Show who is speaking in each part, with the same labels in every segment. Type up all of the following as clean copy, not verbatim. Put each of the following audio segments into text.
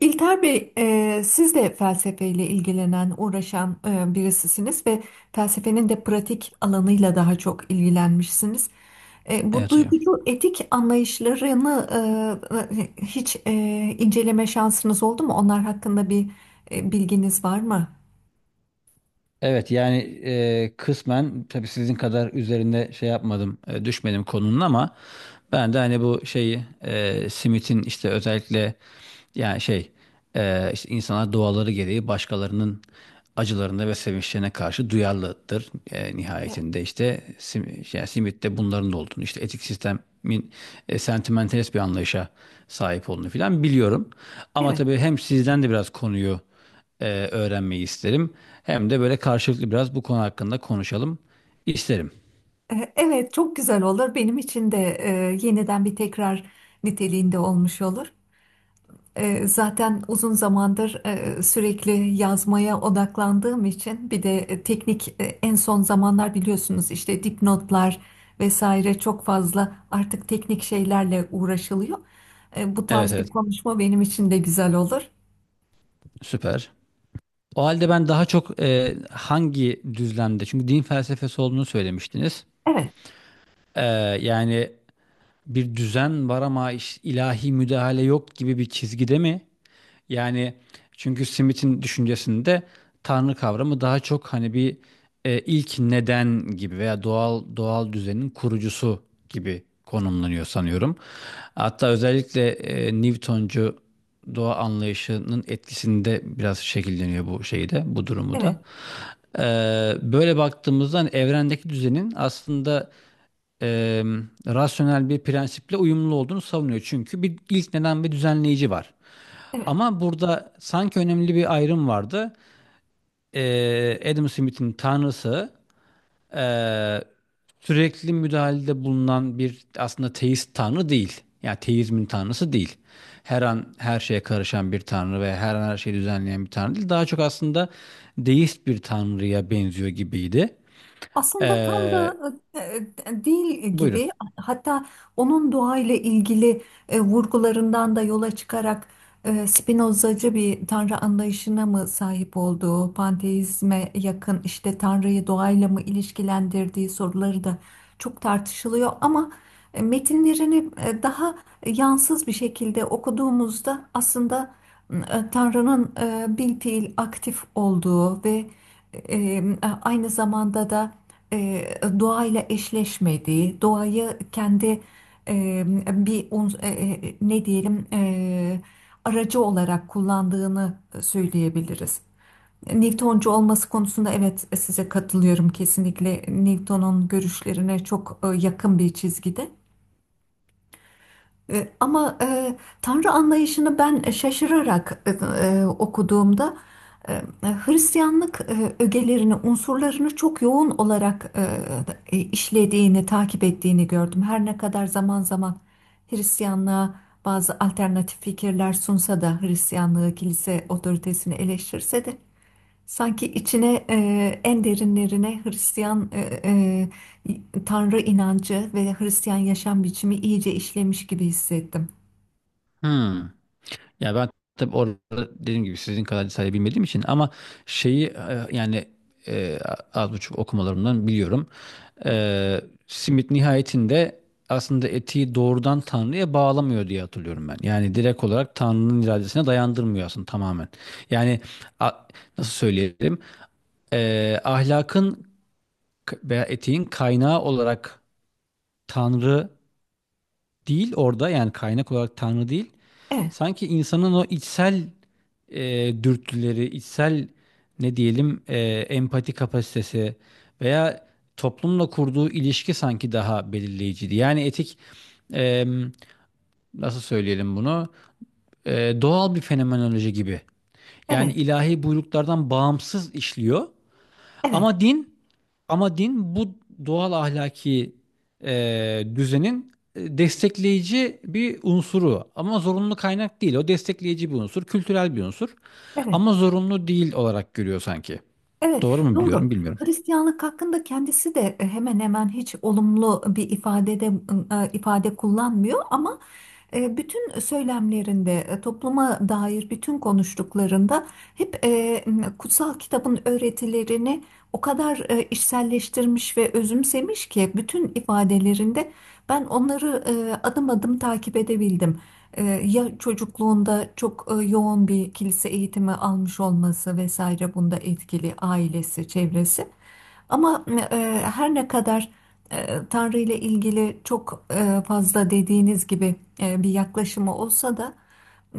Speaker 1: İlter Bey, siz de felsefeyle ilgilenen, uğraşan birisisiniz ve felsefenin de pratik alanıyla daha çok ilgilenmişsiniz. Bu
Speaker 2: Evet hocam.
Speaker 1: duygucu etik anlayışlarını e, e, hiç e, inceleme şansınız oldu mu? Onlar hakkında bir bilginiz var mı?
Speaker 2: Evet yani kısmen tabii sizin kadar üzerinde şey yapmadım, düşmedim konunun ama ben de hani bu şeyi, Smith'in işte özellikle, yani şey işte insanlar doğaları gereği başkalarının acılarına ve sevinçlerine karşı duyarlıdır.
Speaker 1: Evet.
Speaker 2: Nihayetinde işte yani Smith'te bunların da olduğunu, işte etik sistemin sentimentalist bir anlayışa sahip olduğunu filan biliyorum. Ama
Speaker 1: Evet.
Speaker 2: tabii hem sizden de biraz konuyu e, öğrenmeyi isterim. Hem de böyle karşılıklı biraz bu konu hakkında konuşalım isterim.
Speaker 1: Evet, çok güzel olur. Benim için de yeniden bir tekrar niteliğinde olmuş olur. Zaten uzun zamandır sürekli yazmaya odaklandığım için bir de teknik en son zamanlar biliyorsunuz işte dipnotlar vesaire çok fazla artık teknik şeylerle uğraşılıyor. Bu
Speaker 2: Evet
Speaker 1: tarz bir
Speaker 2: evet,
Speaker 1: konuşma benim için de güzel olur.
Speaker 2: süper. O halde ben daha çok, hangi düzlemde? Çünkü din felsefesi olduğunu söylemiştiniz.
Speaker 1: Evet,
Speaker 2: E, Yani bir düzen var ama ilahi müdahale yok gibi bir çizgide mi? Yani çünkü Smith'in düşüncesinde tanrı kavramı daha çok hani bir, ilk neden gibi veya doğal düzenin kurucusu gibi konumlanıyor sanıyorum. Hatta özellikle Newtoncu doğa anlayışının etkisinde biraz şekilleniyor bu şeyde, bu durumu
Speaker 1: evet,
Speaker 2: da. Böyle baktığımızda hani evrendeki düzenin aslında e, rasyonel bir prensiple uyumlu olduğunu savunuyor. Çünkü bir ilk neden ve düzenleyici var.
Speaker 1: evet.
Speaker 2: Ama burada sanki önemli bir ayrım vardı. Adam Smith'in tanrısı ee, sürekli müdahalede bulunan bir, aslında teist tanrı değil. Yani teizmin tanrısı değil. Her an her şeye karışan bir tanrı ve her an her şeyi düzenleyen bir tanrı değil. Daha çok aslında deist bir tanrıya benziyor gibiydi.
Speaker 1: Aslında tam
Speaker 2: Ee,
Speaker 1: da e, değil
Speaker 2: Buyurun.
Speaker 1: gibi, hatta onun doğayla ilgili vurgularından da yola çıkarak Spinozacı bir tanrı anlayışına mı sahip olduğu, panteizme yakın işte tanrıyı doğayla mı ilişkilendirdiği soruları da çok tartışılıyor ama metinlerini daha yansız bir şekilde okuduğumuzda aslında Tanrı'nın bilfiil aktif olduğu ve e, aynı zamanda da e, doğayla eşleşmediği, doğayı kendi e, bir uns- e, e, ne diyelim, aracı olarak kullandığını söyleyebiliriz. Newtoncu olması konusunda evet size katılıyorum, kesinlikle Newton'un görüşlerine çok yakın bir çizgide. Ama Tanrı anlayışını ben şaşırarak okuduğumda e, e, Hristiyanlık ögelerini, unsurlarını çok yoğun olarak işlediğini, takip ettiğini gördüm. Her ne kadar zaman zaman Hristiyanlığa bazı alternatif fikirler sunsa da, Hristiyanlığı, kilise otoritesini eleştirse de sanki içine, en derinlerine Hristiyan Tanrı inancı ve Hristiyan yaşam biçimi iyice işlemiş gibi hissettim.
Speaker 2: Hmm. Ya ben tabii orada dediğim gibi sizin kadar detaylı bilmediğim için ama şeyi e, yani e, az buçuk okumalarımdan biliyorum. E, Simit nihayetinde aslında etiği doğrudan Tanrı'ya bağlamıyor diye hatırlıyorum ben. Yani direkt olarak Tanrı'nın iradesine dayandırmıyor aslında tamamen. Yani a- Nasıl söyleyelim? Ahlakın veya etiğin kaynağı olarak Tanrı değil orada, yani kaynak olarak Tanrı değil.
Speaker 1: Evet,
Speaker 2: Sanki insanın o içsel dürtüleri, içsel, ne diyelim e, empati kapasitesi veya toplumla kurduğu ilişki sanki daha belirleyiciydi. Yani e, nasıl söyleyelim bunu? Doğal bir fenomenoloji gibi. Yani
Speaker 1: evet,
Speaker 2: ilahi buyruklardan bağımsız işliyor,
Speaker 1: evet,
Speaker 2: ama din bu doğal ahlaki düzenin destekleyici bir unsuru. Ama zorunlu kaynak değil. O destekleyici bir unsur, kültürel bir unsur.
Speaker 1: evet.
Speaker 2: Ama zorunlu değil olarak görüyor sanki.
Speaker 1: Evet,
Speaker 2: Doğru mu
Speaker 1: doğru.
Speaker 2: biliyorum bilmiyorum.
Speaker 1: Hristiyanlık hakkında kendisi de hemen hemen hiç olumlu bir ifadede ifade kullanmıyor ama bütün söylemlerinde, topluma dair bütün konuştuklarında hep kutsal kitabın öğretilerini o kadar içselleştirmiş ve özümsemiş ki, bütün ifadelerinde ben onları adım adım takip edebildim. Ya çocukluğunda çok yoğun bir kilise eğitimi almış olması vesaire bunda etkili, ailesi, çevresi. Ama her ne kadar Tanrı ile ilgili çok fazla, dediğiniz gibi, bir yaklaşımı olsa da,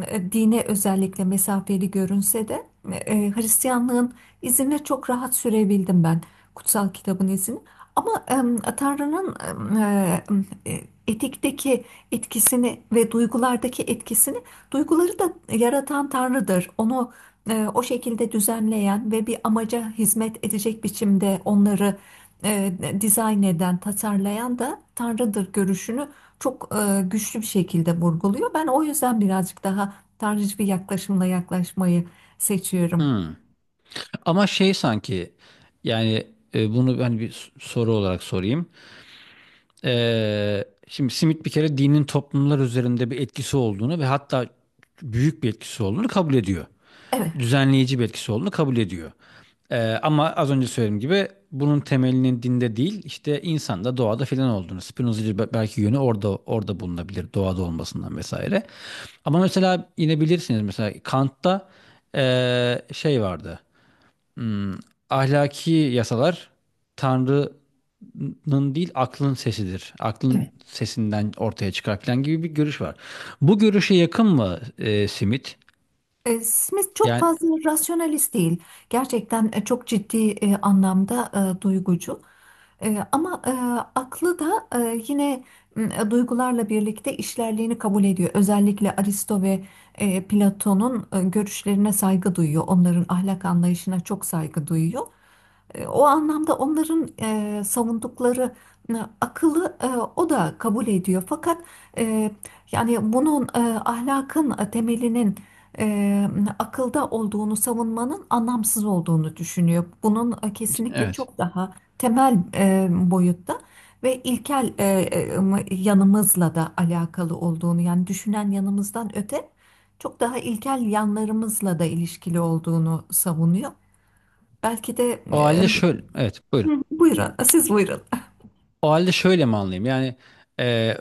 Speaker 1: dine özellikle mesafeli görünse de, Hristiyanlığın izine çok rahat sürebildim ben. Kutsal kitabın izini. Ama Tanrı'nın e, e, etikteki etkisini ve duygulardaki etkisini, duyguları da yaratan Tanrı'dır. Onu o şekilde düzenleyen ve bir amaca hizmet edecek biçimde onları e, dizayn eden, tasarlayan da Tanrı'dır görüşünü çok güçlü bir şekilde vurguluyor. Ben o yüzden birazcık daha tanrıcı bir yaklaşımla yaklaşmayı seçiyorum.
Speaker 2: Hmm. Ama şey sanki, yani bunu ben bir soru olarak sorayım. Şimdi Smith bir kere dinin toplumlar üzerinde bir etkisi olduğunu ve hatta büyük bir etkisi olduğunu kabul ediyor.
Speaker 1: Evet.
Speaker 2: Düzenleyici bir etkisi olduğunu kabul ediyor. Ama az önce söylediğim gibi bunun temelinin dinde değil, işte insanda, doğada filan olduğunu. Spinozacı belki yönü orada bulunabilir, doğada olmasından vesaire. Ama mesela yine bilirsiniz, mesela Kant'ta şey vardı. Hmm, Ahlaki yasalar Tanrı'nın değil aklın sesidir. Aklın
Speaker 1: Evet.
Speaker 2: sesinden ortaya çıkar falan gibi bir görüş var. Bu görüşe yakın mı, Simit?
Speaker 1: Smith çok
Speaker 2: Yani
Speaker 1: fazla rasyonalist değil. Gerçekten çok ciddi anlamda duygucu. Ama aklı da yine duygularla birlikte işlerliğini kabul ediyor. Özellikle Aristo ve Platon'un görüşlerine saygı duyuyor. Onların ahlak anlayışına çok saygı duyuyor. O anlamda onların savundukları e, akılı o da kabul ediyor. Fakat e, yani bunun ahlakın temelinin e, akılda olduğunu savunmanın anlamsız olduğunu düşünüyor. Bunun kesinlikle
Speaker 2: evet.
Speaker 1: çok daha temel boyutta ve ilkel yanımızla da alakalı olduğunu, yani düşünen yanımızdan öte çok daha ilkel yanlarımızla da ilişkili olduğunu savunuyor. Belki de...
Speaker 2: O halde şöyle. Evet, buyurun.
Speaker 1: Hı, buyurun, siz buyurun.
Speaker 2: O halde şöyle mi anlayayım? E,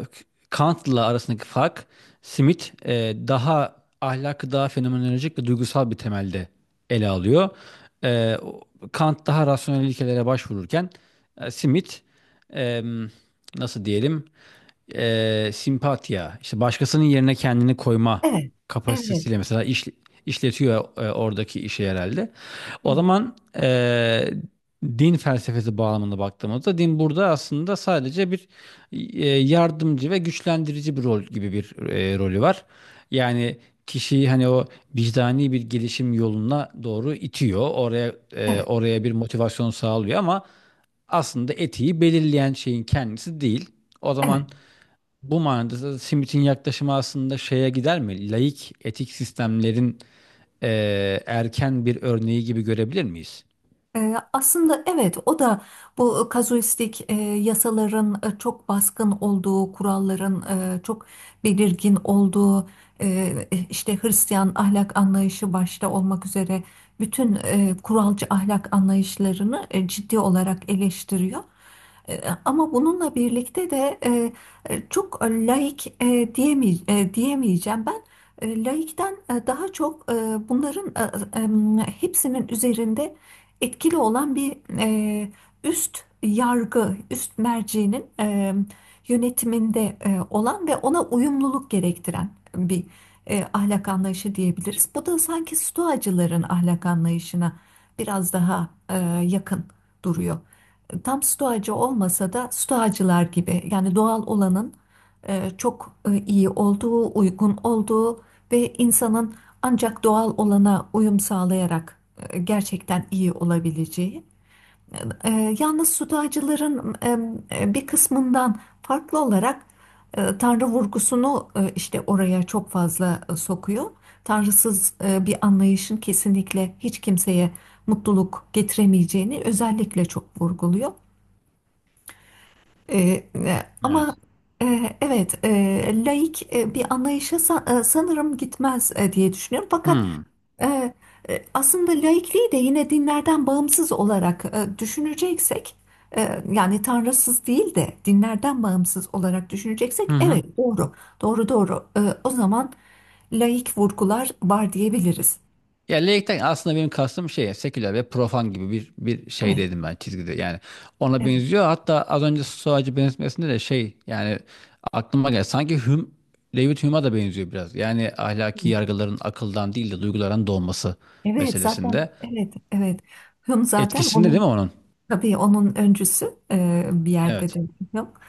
Speaker 2: Kant'la arasındaki fark, Smith daha ahlakı daha fenomenolojik ve duygusal bir temelde ele alıyor. E, o- Kant daha rasyonel ilkelere başvururken, Smith e, nasıl diyelim, simpatiya, işte başkasının yerine kendini koyma
Speaker 1: Evet, evet,
Speaker 2: kapasitesiyle mesela işletiyor oradaki işi herhalde. O
Speaker 1: evet,
Speaker 2: zaman, e, din felsefesi bağlamında baktığımızda din burada aslında sadece bir, yardımcı ve güçlendirici bir rol gibi bir rolü var. Yani kişiyi hani o vicdani bir gelişim yoluna doğru itiyor.
Speaker 1: evet,
Speaker 2: Oraya bir motivasyon sağlıyor ama aslında etiği belirleyen şeyin kendisi değil. O
Speaker 1: evet.
Speaker 2: zaman bu manada da Smith'in yaklaşımı aslında şeye gider mi? Laik etik sistemlerin erken bir örneği gibi görebilir miyiz?
Speaker 1: Aslında evet, o da bu kazuistik yasaların çok baskın olduğu, kuralların çok belirgin olduğu, e, işte Hristiyan ahlak anlayışı başta olmak üzere bütün kuralcı ahlak anlayışlarını ciddi olarak eleştiriyor. Ama bununla birlikte de çok laik diyemeyeceğim ben. Laikten daha çok bunların hepsinin üzerinde etkili olan bir üst yargı, üst mercinin yönetiminde olan ve ona uyumluluk gerektiren bir ahlak anlayışı diyebiliriz. Bu da sanki stoacıların ahlak anlayışına biraz daha yakın duruyor. Tam stoacı olmasa da stoacılar gibi, yani doğal olanın çok iyi olduğu, uygun olduğu ve insanın ancak doğal olana uyum sağlayarak gerçekten iyi olabileceği. E, Yalnız sudacıların bir kısmından farklı olarak Tanrı vurgusunu işte oraya çok fazla sokuyor. Tanrısız bir anlayışın kesinlikle hiç kimseye mutluluk getiremeyeceğini özellikle çok vurguluyor. E, e, Ama
Speaker 2: Evet.
Speaker 1: evet, laik bir anlayışa sanırım gitmez diye düşünüyorum. Fakat
Speaker 2: Hmm.
Speaker 1: e, aslında laikliği de yine dinlerden bağımsız olarak düşüneceksek, yani tanrısız değil de dinlerden bağımsız olarak
Speaker 2: Hı
Speaker 1: düşüneceksek,
Speaker 2: hı.
Speaker 1: evet doğru, doğru, doğru. O zaman laik vurgular var diyebiliriz.
Speaker 2: Ya laikten aslında benim kastım şey, seküler ve profan gibi bir, şey
Speaker 1: Evet,
Speaker 2: dedim ben, çizgide yani ona
Speaker 1: evet,
Speaker 2: benziyor. Hatta az önce Stoacı benzetmesinde de şey, yani aklıma geldi, sanki Hume, David Hume'a da benziyor biraz, yani ahlaki
Speaker 1: evet.
Speaker 2: yargıların akıldan değil de duygulardan doğması
Speaker 1: Evet, zaten
Speaker 2: meselesinde
Speaker 1: evet, evet. Hume zaten
Speaker 2: etkisinde değil mi
Speaker 1: onun...
Speaker 2: onun?
Speaker 1: Tabii onun öncüsü bir yerde
Speaker 2: Evet.
Speaker 1: de. Yok.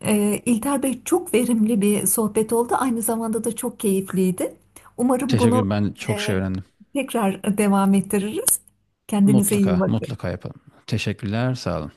Speaker 1: İlter Bey, çok verimli bir sohbet oldu. Aynı zamanda da çok keyifliydi. Umarım
Speaker 2: Teşekkür
Speaker 1: bunu
Speaker 2: ederim. Ben çok şey
Speaker 1: e,
Speaker 2: öğrendim.
Speaker 1: tekrar devam ettiririz. Kendinize iyi
Speaker 2: Mutlaka
Speaker 1: bakın.
Speaker 2: mutlaka yapalım. Teşekkürler, sağ olun.